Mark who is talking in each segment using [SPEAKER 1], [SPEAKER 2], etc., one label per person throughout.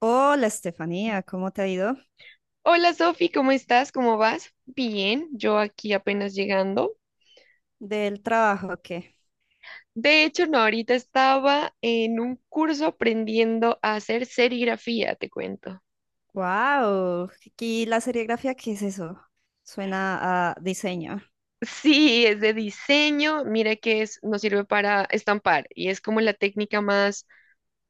[SPEAKER 1] Hola Estefanía, ¿cómo te ha ido?
[SPEAKER 2] Hola Sofi, ¿cómo estás? ¿Cómo vas? Bien, yo aquí apenas llegando.
[SPEAKER 1] ¿Del trabajo o qué?
[SPEAKER 2] De hecho, no, ahorita estaba en un curso aprendiendo a hacer serigrafía, te cuento.
[SPEAKER 1] ¡Wow! ¿Y la serigrafía qué es eso? Suena a diseño.
[SPEAKER 2] Sí, es de diseño, mira que es, nos sirve para estampar y es como la técnica más,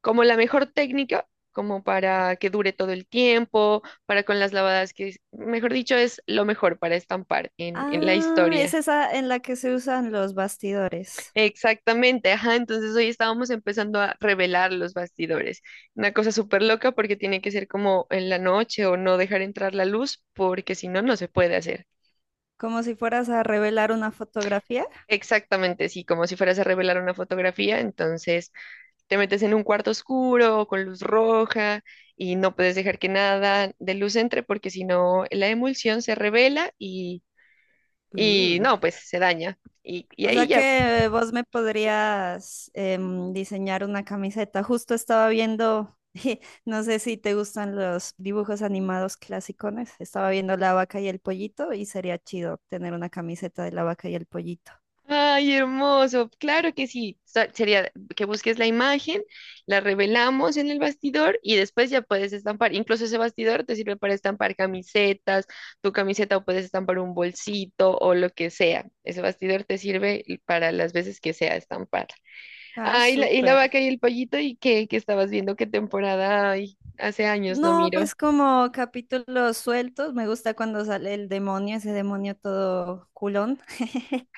[SPEAKER 2] como la mejor técnica, como para que dure todo el tiempo, para con las lavadas que, mejor dicho, es lo mejor para estampar en la
[SPEAKER 1] Ah, es
[SPEAKER 2] historia.
[SPEAKER 1] esa en la que se usan los bastidores,
[SPEAKER 2] Exactamente, ajá, entonces hoy estábamos empezando a revelar los bastidores. Una cosa súper loca porque tiene que ser como en la noche o no dejar entrar la luz porque si no, no se puede hacer.
[SPEAKER 1] como si fueras a revelar una fotografía.
[SPEAKER 2] Exactamente, sí, como si fueras a revelar una fotografía, entonces te metes en un cuarto oscuro con luz roja y no puedes dejar que nada de luz entre porque si no, la emulsión se revela y
[SPEAKER 1] Uh.
[SPEAKER 2] no, pues se daña. Y
[SPEAKER 1] O
[SPEAKER 2] ahí
[SPEAKER 1] sea
[SPEAKER 2] ya.
[SPEAKER 1] que vos me podrías diseñar una camiseta. Justo estaba viendo, no sé si te gustan los dibujos animados clasicones. Estaba viendo La Vaca y el Pollito y sería chido tener una camiseta de La Vaca y el Pollito.
[SPEAKER 2] Ay, hermoso. Claro que sí. Sería que busques la imagen, la revelamos en el bastidor y después ya puedes estampar. Incluso ese bastidor te sirve para estampar camisetas, tu camiseta o puedes estampar un bolsito o lo que sea. Ese bastidor te sirve para las veces que sea estampar.
[SPEAKER 1] Ah,
[SPEAKER 2] Ay, y la vaca
[SPEAKER 1] súper.
[SPEAKER 2] y el pollito y qué estabas viendo qué temporada. Ay, hace años no
[SPEAKER 1] No,
[SPEAKER 2] miro.
[SPEAKER 1] pues como capítulos sueltos, me gusta cuando sale el demonio, ese demonio todo culón.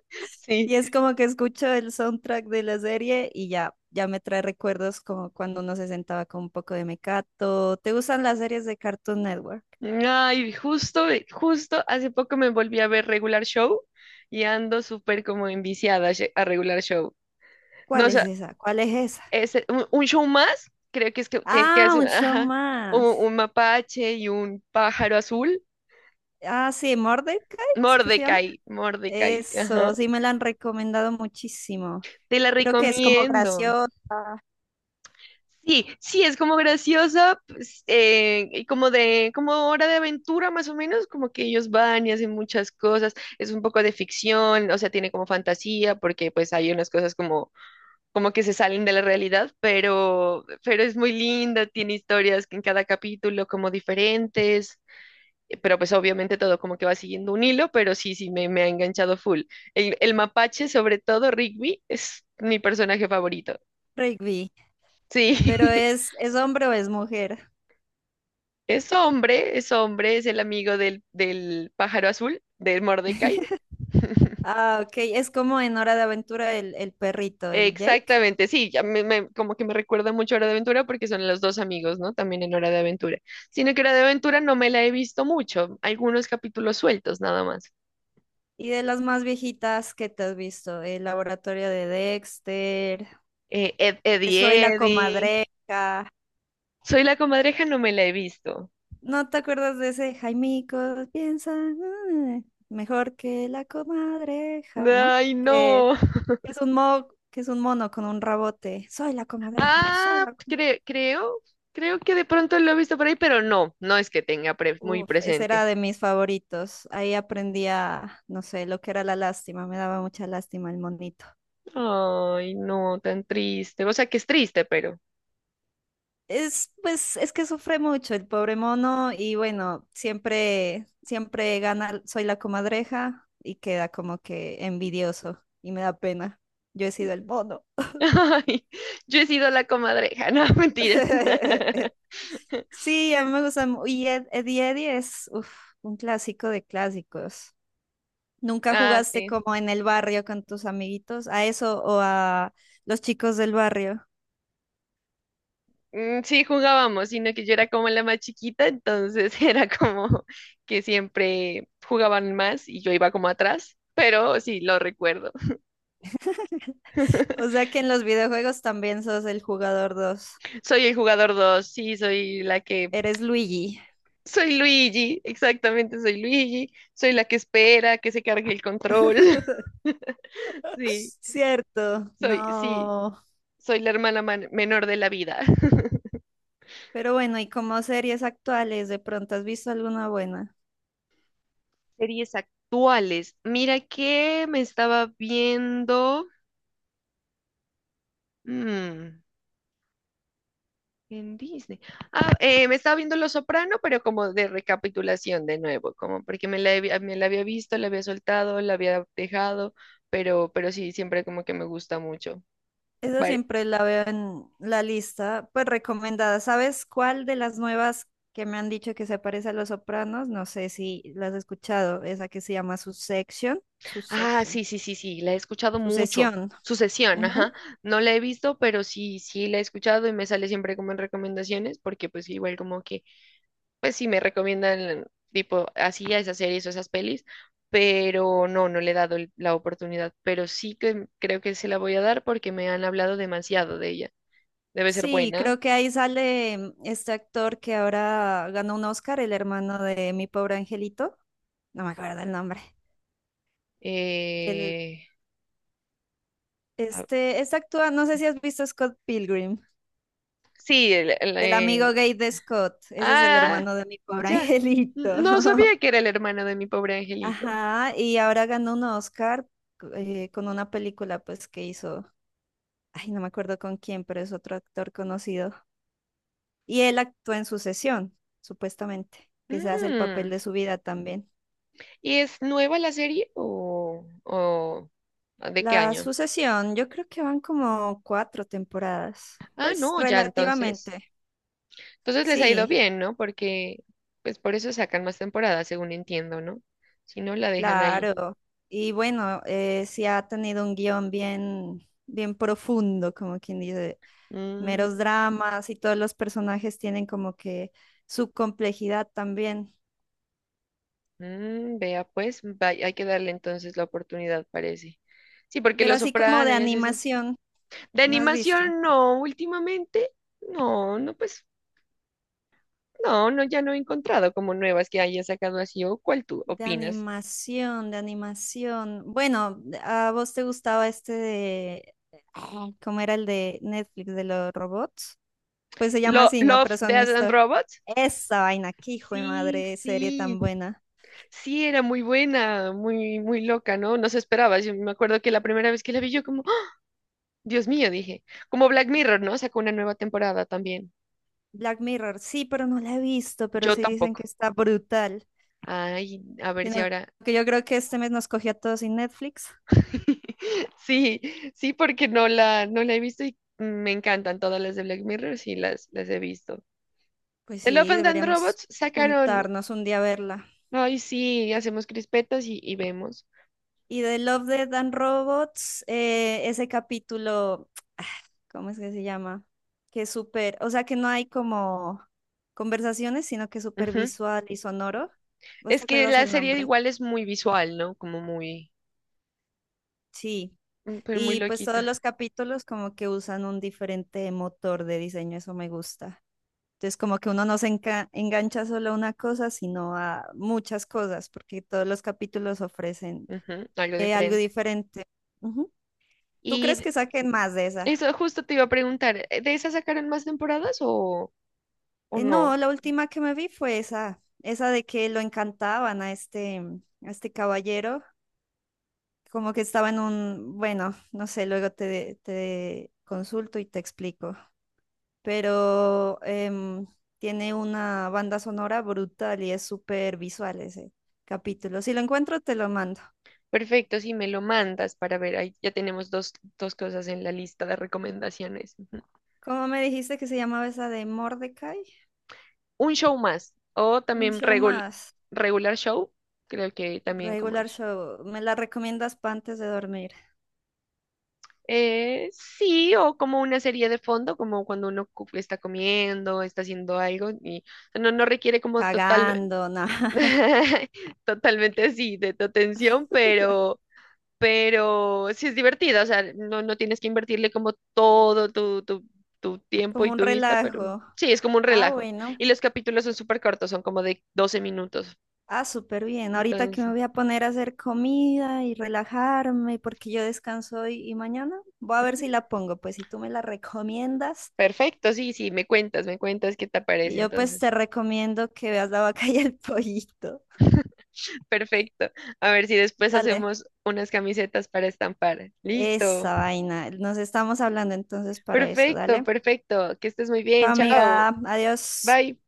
[SPEAKER 2] Sí.
[SPEAKER 1] Y es como que escucho el soundtrack de la serie y ya, ya me trae recuerdos como cuando uno se sentaba con un poco de mecato. ¿Te gustan las series de Cartoon Network?
[SPEAKER 2] Ay, justo hace poco me volví a ver Regular Show y ando súper como enviciada a a Regular Show. No,
[SPEAKER 1] ¿Cuál
[SPEAKER 2] o
[SPEAKER 1] es
[SPEAKER 2] sea,
[SPEAKER 1] esa? ¿Cuál es esa?
[SPEAKER 2] es un show más, creo que es que
[SPEAKER 1] Ah,
[SPEAKER 2] hacen,
[SPEAKER 1] un show
[SPEAKER 2] ajá, un,
[SPEAKER 1] más.
[SPEAKER 2] un mapache y un pájaro azul.
[SPEAKER 1] Ah, sí, Mordecai, ¿es que se llama?
[SPEAKER 2] Mordecai, Mordecai, ajá.
[SPEAKER 1] Eso, sí me la han recomendado muchísimo.
[SPEAKER 2] Te la
[SPEAKER 1] ¿Pero que es como
[SPEAKER 2] recomiendo.
[SPEAKER 1] graciosa,
[SPEAKER 2] Sí, sí, es como graciosa, pues, y como de, como Hora de Aventura más o menos, como que ellos van y hacen muchas cosas, es un poco de ficción, o sea, tiene como fantasía, porque pues hay unas cosas como que se salen de la realidad, pero es muy linda, tiene historias que en cada capítulo como diferentes. Pero pues obviamente todo como que va siguiendo un hilo, pero sí, sí, me ha enganchado full. El mapache, sobre todo Rigby, es mi personaje favorito,
[SPEAKER 1] Rigby,
[SPEAKER 2] sí.
[SPEAKER 1] pero ¿es hombre o es mujer?
[SPEAKER 2] Es hombre, es hombre, es el amigo del pájaro azul, del Mordecai.
[SPEAKER 1] Ah, ok, es como en Hora de Aventura el perrito, el Jake.
[SPEAKER 2] Exactamente, sí, ya como que me recuerda mucho a Hora de Aventura porque son los dos amigos, ¿no? También en Hora de Aventura. Sino que Hora de Aventura no me la he visto mucho, algunos capítulos sueltos nada más.
[SPEAKER 1] Y de las más viejitas que te has visto, El Laboratorio de Dexter, Que
[SPEAKER 2] Eddie,
[SPEAKER 1] Soy la
[SPEAKER 2] Eddie.
[SPEAKER 1] Comadreja.
[SPEAKER 2] Soy la comadreja, no me la he visto.
[SPEAKER 1] ¿No te acuerdas de ese Jaimico? Piensa ah, mejor que la comadreja, ¿no?
[SPEAKER 2] Ay,
[SPEAKER 1] Que
[SPEAKER 2] no.
[SPEAKER 1] que es un que es un mono con un rabote. Soy la comadreja,
[SPEAKER 2] Ah, creo que de pronto lo he visto por ahí, pero no, no es que tenga muy
[SPEAKER 1] Uf, ese
[SPEAKER 2] presente.
[SPEAKER 1] era de mis favoritos. Ahí aprendía, no sé, lo que era la lástima. Me daba mucha lástima el monito.
[SPEAKER 2] Ay, no, tan triste. O sea que es triste, pero.
[SPEAKER 1] Es, pues, es que sufre mucho el pobre mono y bueno, siempre, siempre gana, soy la comadreja y queda como que envidioso y me da pena. Yo he sido el mono.
[SPEAKER 2] Ay, yo he sido la comadreja, no, mentiras.
[SPEAKER 1] Sí, a mí me gusta. Y Eddie Eddie es uf, un clásico de clásicos. ¿Nunca
[SPEAKER 2] Ah,
[SPEAKER 1] jugaste
[SPEAKER 2] sí.
[SPEAKER 1] como en el barrio con tus amiguitos? ¿A eso o a los chicos del barrio?
[SPEAKER 2] Mm, sí, jugábamos, sino que yo era como la más chiquita, entonces era como que siempre jugaban más y yo iba como atrás, pero sí, lo recuerdo.
[SPEAKER 1] O sea que en los videojuegos también sos el jugador 2.
[SPEAKER 2] Soy el jugador dos, sí, soy la que...
[SPEAKER 1] Eres Luigi.
[SPEAKER 2] Soy Luigi, exactamente, soy Luigi, soy la que espera que se cargue el control. Sí,
[SPEAKER 1] Cierto,
[SPEAKER 2] sí,
[SPEAKER 1] no.
[SPEAKER 2] soy la hermana menor de la vida.
[SPEAKER 1] Pero bueno, y como series actuales, ¿de pronto has visto alguna buena?
[SPEAKER 2] Series actuales. Mira que me estaba viendo mm, en Disney. Ah, me estaba viendo Los Soprano, pero como de recapitulación de nuevo, como porque me la había visto, la había soltado, la había dejado, pero sí, siempre como que me gusta mucho.
[SPEAKER 1] Esa
[SPEAKER 2] Vale.
[SPEAKER 1] siempre la veo en la lista, pues recomendada. ¿Sabes cuál de las nuevas que me han dicho que se parece a Los Sopranos? No sé si las has escuchado, esa que se llama Succession,
[SPEAKER 2] Ah,
[SPEAKER 1] Succession,
[SPEAKER 2] sí, sí, sí, sí, la he escuchado mucho.
[SPEAKER 1] Sucesión.
[SPEAKER 2] Sucesión,
[SPEAKER 1] Ujú.
[SPEAKER 2] ajá. No la he visto, pero sí, sí la he escuchado y me sale siempre como en recomendaciones, porque pues igual como que pues sí me recomiendan tipo así a esas series o esas pelis, pero no le he dado la oportunidad, pero sí que creo que se la voy a dar porque me han hablado demasiado de ella. Debe ser
[SPEAKER 1] Sí,
[SPEAKER 2] buena.
[SPEAKER 1] creo que ahí sale este actor que ahora ganó un Oscar, el hermano de Mi Pobre Angelito. No me acuerdo el nombre.
[SPEAKER 2] Eh, ah,
[SPEAKER 1] Este, es actúa, no sé si has visto Scott Pilgrim,
[SPEAKER 2] sí,
[SPEAKER 1] el amigo gay de Scott, ese es el
[SPEAKER 2] ah,
[SPEAKER 1] hermano de mi pobre
[SPEAKER 2] ya.
[SPEAKER 1] angelito.
[SPEAKER 2] No sabía que era el hermano de Mi Pobre Angelito.
[SPEAKER 1] Ajá, y ahora ganó un Oscar con una película pues que hizo, ay, no me acuerdo con quién, pero es otro actor conocido. Y él actúa en Sucesión, supuestamente, que se hace el papel
[SPEAKER 2] Mm.
[SPEAKER 1] de su vida también.
[SPEAKER 2] ¿Y es nueva la serie, o de qué
[SPEAKER 1] La
[SPEAKER 2] año?
[SPEAKER 1] Sucesión, yo creo que van como cuatro temporadas,
[SPEAKER 2] Ah,
[SPEAKER 1] pues
[SPEAKER 2] no, ya entonces.
[SPEAKER 1] relativamente,
[SPEAKER 2] Entonces les ha ido
[SPEAKER 1] sí.
[SPEAKER 2] bien, ¿no? Porque pues por eso sacan más temporadas, según entiendo, ¿no? Si no, la dejan ahí.
[SPEAKER 1] Claro, y bueno, sí ha tenido un guión bien, bien profundo, como quien dice, meros
[SPEAKER 2] Mm,
[SPEAKER 1] dramas y todos los personajes tienen como que su complejidad también.
[SPEAKER 2] Vea, pues hay que darle entonces la oportunidad, parece. Sí, porque
[SPEAKER 1] Pero
[SPEAKER 2] Los
[SPEAKER 1] así como
[SPEAKER 2] Soprano
[SPEAKER 1] de
[SPEAKER 2] y así esas.
[SPEAKER 1] animación,
[SPEAKER 2] De
[SPEAKER 1] ¿no has visto?
[SPEAKER 2] animación, no, últimamente, no, no, pues, no, no, ya no he encontrado como nuevas que haya sacado así. ¿O cuál tú
[SPEAKER 1] De
[SPEAKER 2] opinas?
[SPEAKER 1] animación, de animación. Bueno, ¿a vos te gustaba este de... ah, ¿cómo era el de Netflix de los robots? Pues se llama así, ¿no?
[SPEAKER 2] Love,
[SPEAKER 1] Pero son
[SPEAKER 2] Death and
[SPEAKER 1] historias.
[SPEAKER 2] Robots.
[SPEAKER 1] Esa vaina, qué hijo de
[SPEAKER 2] Sí,
[SPEAKER 1] madre, serie
[SPEAKER 2] sí.
[SPEAKER 1] tan buena.
[SPEAKER 2] Sí, era muy buena, muy, muy loca, ¿no? No se esperaba. Yo me acuerdo que la primera vez que la vi, yo como: "¡Ah! Dios mío", dije, como Black Mirror, ¿no? Sacó una nueva temporada también.
[SPEAKER 1] Black Mirror, sí, pero no la he visto, pero
[SPEAKER 2] Yo
[SPEAKER 1] sí dicen
[SPEAKER 2] tampoco.
[SPEAKER 1] que está brutal.
[SPEAKER 2] Ay, a ver si
[SPEAKER 1] Sino
[SPEAKER 2] ahora.
[SPEAKER 1] que yo creo que este mes nos cogió a todos sin Netflix.
[SPEAKER 2] Sí, sí, porque no la he visto y me encantan todas las de Black Mirror, sí, las he visto.
[SPEAKER 1] Pues
[SPEAKER 2] The Love
[SPEAKER 1] sí,
[SPEAKER 2] and Death
[SPEAKER 1] deberíamos
[SPEAKER 2] Robots sacaron,
[SPEAKER 1] juntarnos un día a verla.
[SPEAKER 2] ay, sí, hacemos crispetas y vemos.
[SPEAKER 1] Y de Love, Death and Robots, ese capítulo, ah, ¿cómo es que se llama? Que es súper, o sea que no hay como conversaciones, sino que es súper
[SPEAKER 2] Ujú.
[SPEAKER 1] visual y sonoro. ¿Vos te
[SPEAKER 2] Es que
[SPEAKER 1] acuerdas
[SPEAKER 2] la
[SPEAKER 1] el
[SPEAKER 2] serie
[SPEAKER 1] nombre?
[SPEAKER 2] igual es muy visual, ¿no? Como muy,
[SPEAKER 1] Sí.
[SPEAKER 2] pero muy
[SPEAKER 1] Y pues todos los
[SPEAKER 2] loquita.
[SPEAKER 1] capítulos como que usan un diferente motor de diseño, eso me gusta. Entonces como que uno no engancha solo a una cosa, sino a muchas cosas, porque todos los capítulos ofrecen
[SPEAKER 2] Ujú. Algo
[SPEAKER 1] algo
[SPEAKER 2] diferente.
[SPEAKER 1] diferente. Ujú. ¿Tú crees
[SPEAKER 2] Y
[SPEAKER 1] que saquen más de esa?
[SPEAKER 2] eso justo te iba a preguntar, ¿de esas sacaron más temporadas o no?
[SPEAKER 1] No, la última que me vi fue esa, esa de que lo encantaban a este, a este caballero, como que estaba en un, bueno, no sé, luego te consulto y te explico, pero em, tiene una banda sonora brutal y es súper visual ese capítulo. Si lo encuentro, te lo mando.
[SPEAKER 2] Perfecto, si me lo mandas para ver, ahí ya tenemos dos cosas en la lista de recomendaciones. Ujú.
[SPEAKER 1] ¿Cómo me dijiste que se llamaba esa de Mordecai?
[SPEAKER 2] Un show más, o
[SPEAKER 1] Un
[SPEAKER 2] también
[SPEAKER 1] show
[SPEAKER 2] regul-
[SPEAKER 1] más,
[SPEAKER 2] regular show, creo que también como...
[SPEAKER 1] regular show. ¿Me la recomiendas para antes de dormir?
[SPEAKER 2] Sí, o como una serie de fondo, como cuando uno está comiendo, está haciendo algo, y no requiere como total,
[SPEAKER 1] Cagando, nada,
[SPEAKER 2] totalmente así de tu atención, pero sí es divertida, o sea, no tienes que invertirle como todo tu tiempo y
[SPEAKER 1] como un
[SPEAKER 2] tu vista, pero
[SPEAKER 1] relajo.
[SPEAKER 2] sí, es como un
[SPEAKER 1] Ah,
[SPEAKER 2] relajo.
[SPEAKER 1] bueno.
[SPEAKER 2] Y los capítulos son súper cortos, son como de 12 minutos.
[SPEAKER 1] Ah, súper bien. Ahorita que me
[SPEAKER 2] Entonces,
[SPEAKER 1] voy a poner a hacer comida y relajarme porque yo descanso hoy y mañana. Voy a ver
[SPEAKER 2] ujú.
[SPEAKER 1] si la pongo, pues si tú me la recomiendas.
[SPEAKER 2] Perfecto, sí, sí, me cuentas qué te parece
[SPEAKER 1] Y yo pues
[SPEAKER 2] entonces.
[SPEAKER 1] te recomiendo que veas la vaca y el pollito.
[SPEAKER 2] Perfecto. A ver si después
[SPEAKER 1] Dale.
[SPEAKER 2] hacemos unas camisetas para estampar. Listo.
[SPEAKER 1] Esa vaina. Nos estamos hablando entonces para eso.
[SPEAKER 2] Perfecto,
[SPEAKER 1] Dale.
[SPEAKER 2] perfecto. Que estés muy bien.
[SPEAKER 1] Chao,
[SPEAKER 2] Chao.
[SPEAKER 1] amiga. Adiós.
[SPEAKER 2] Bye.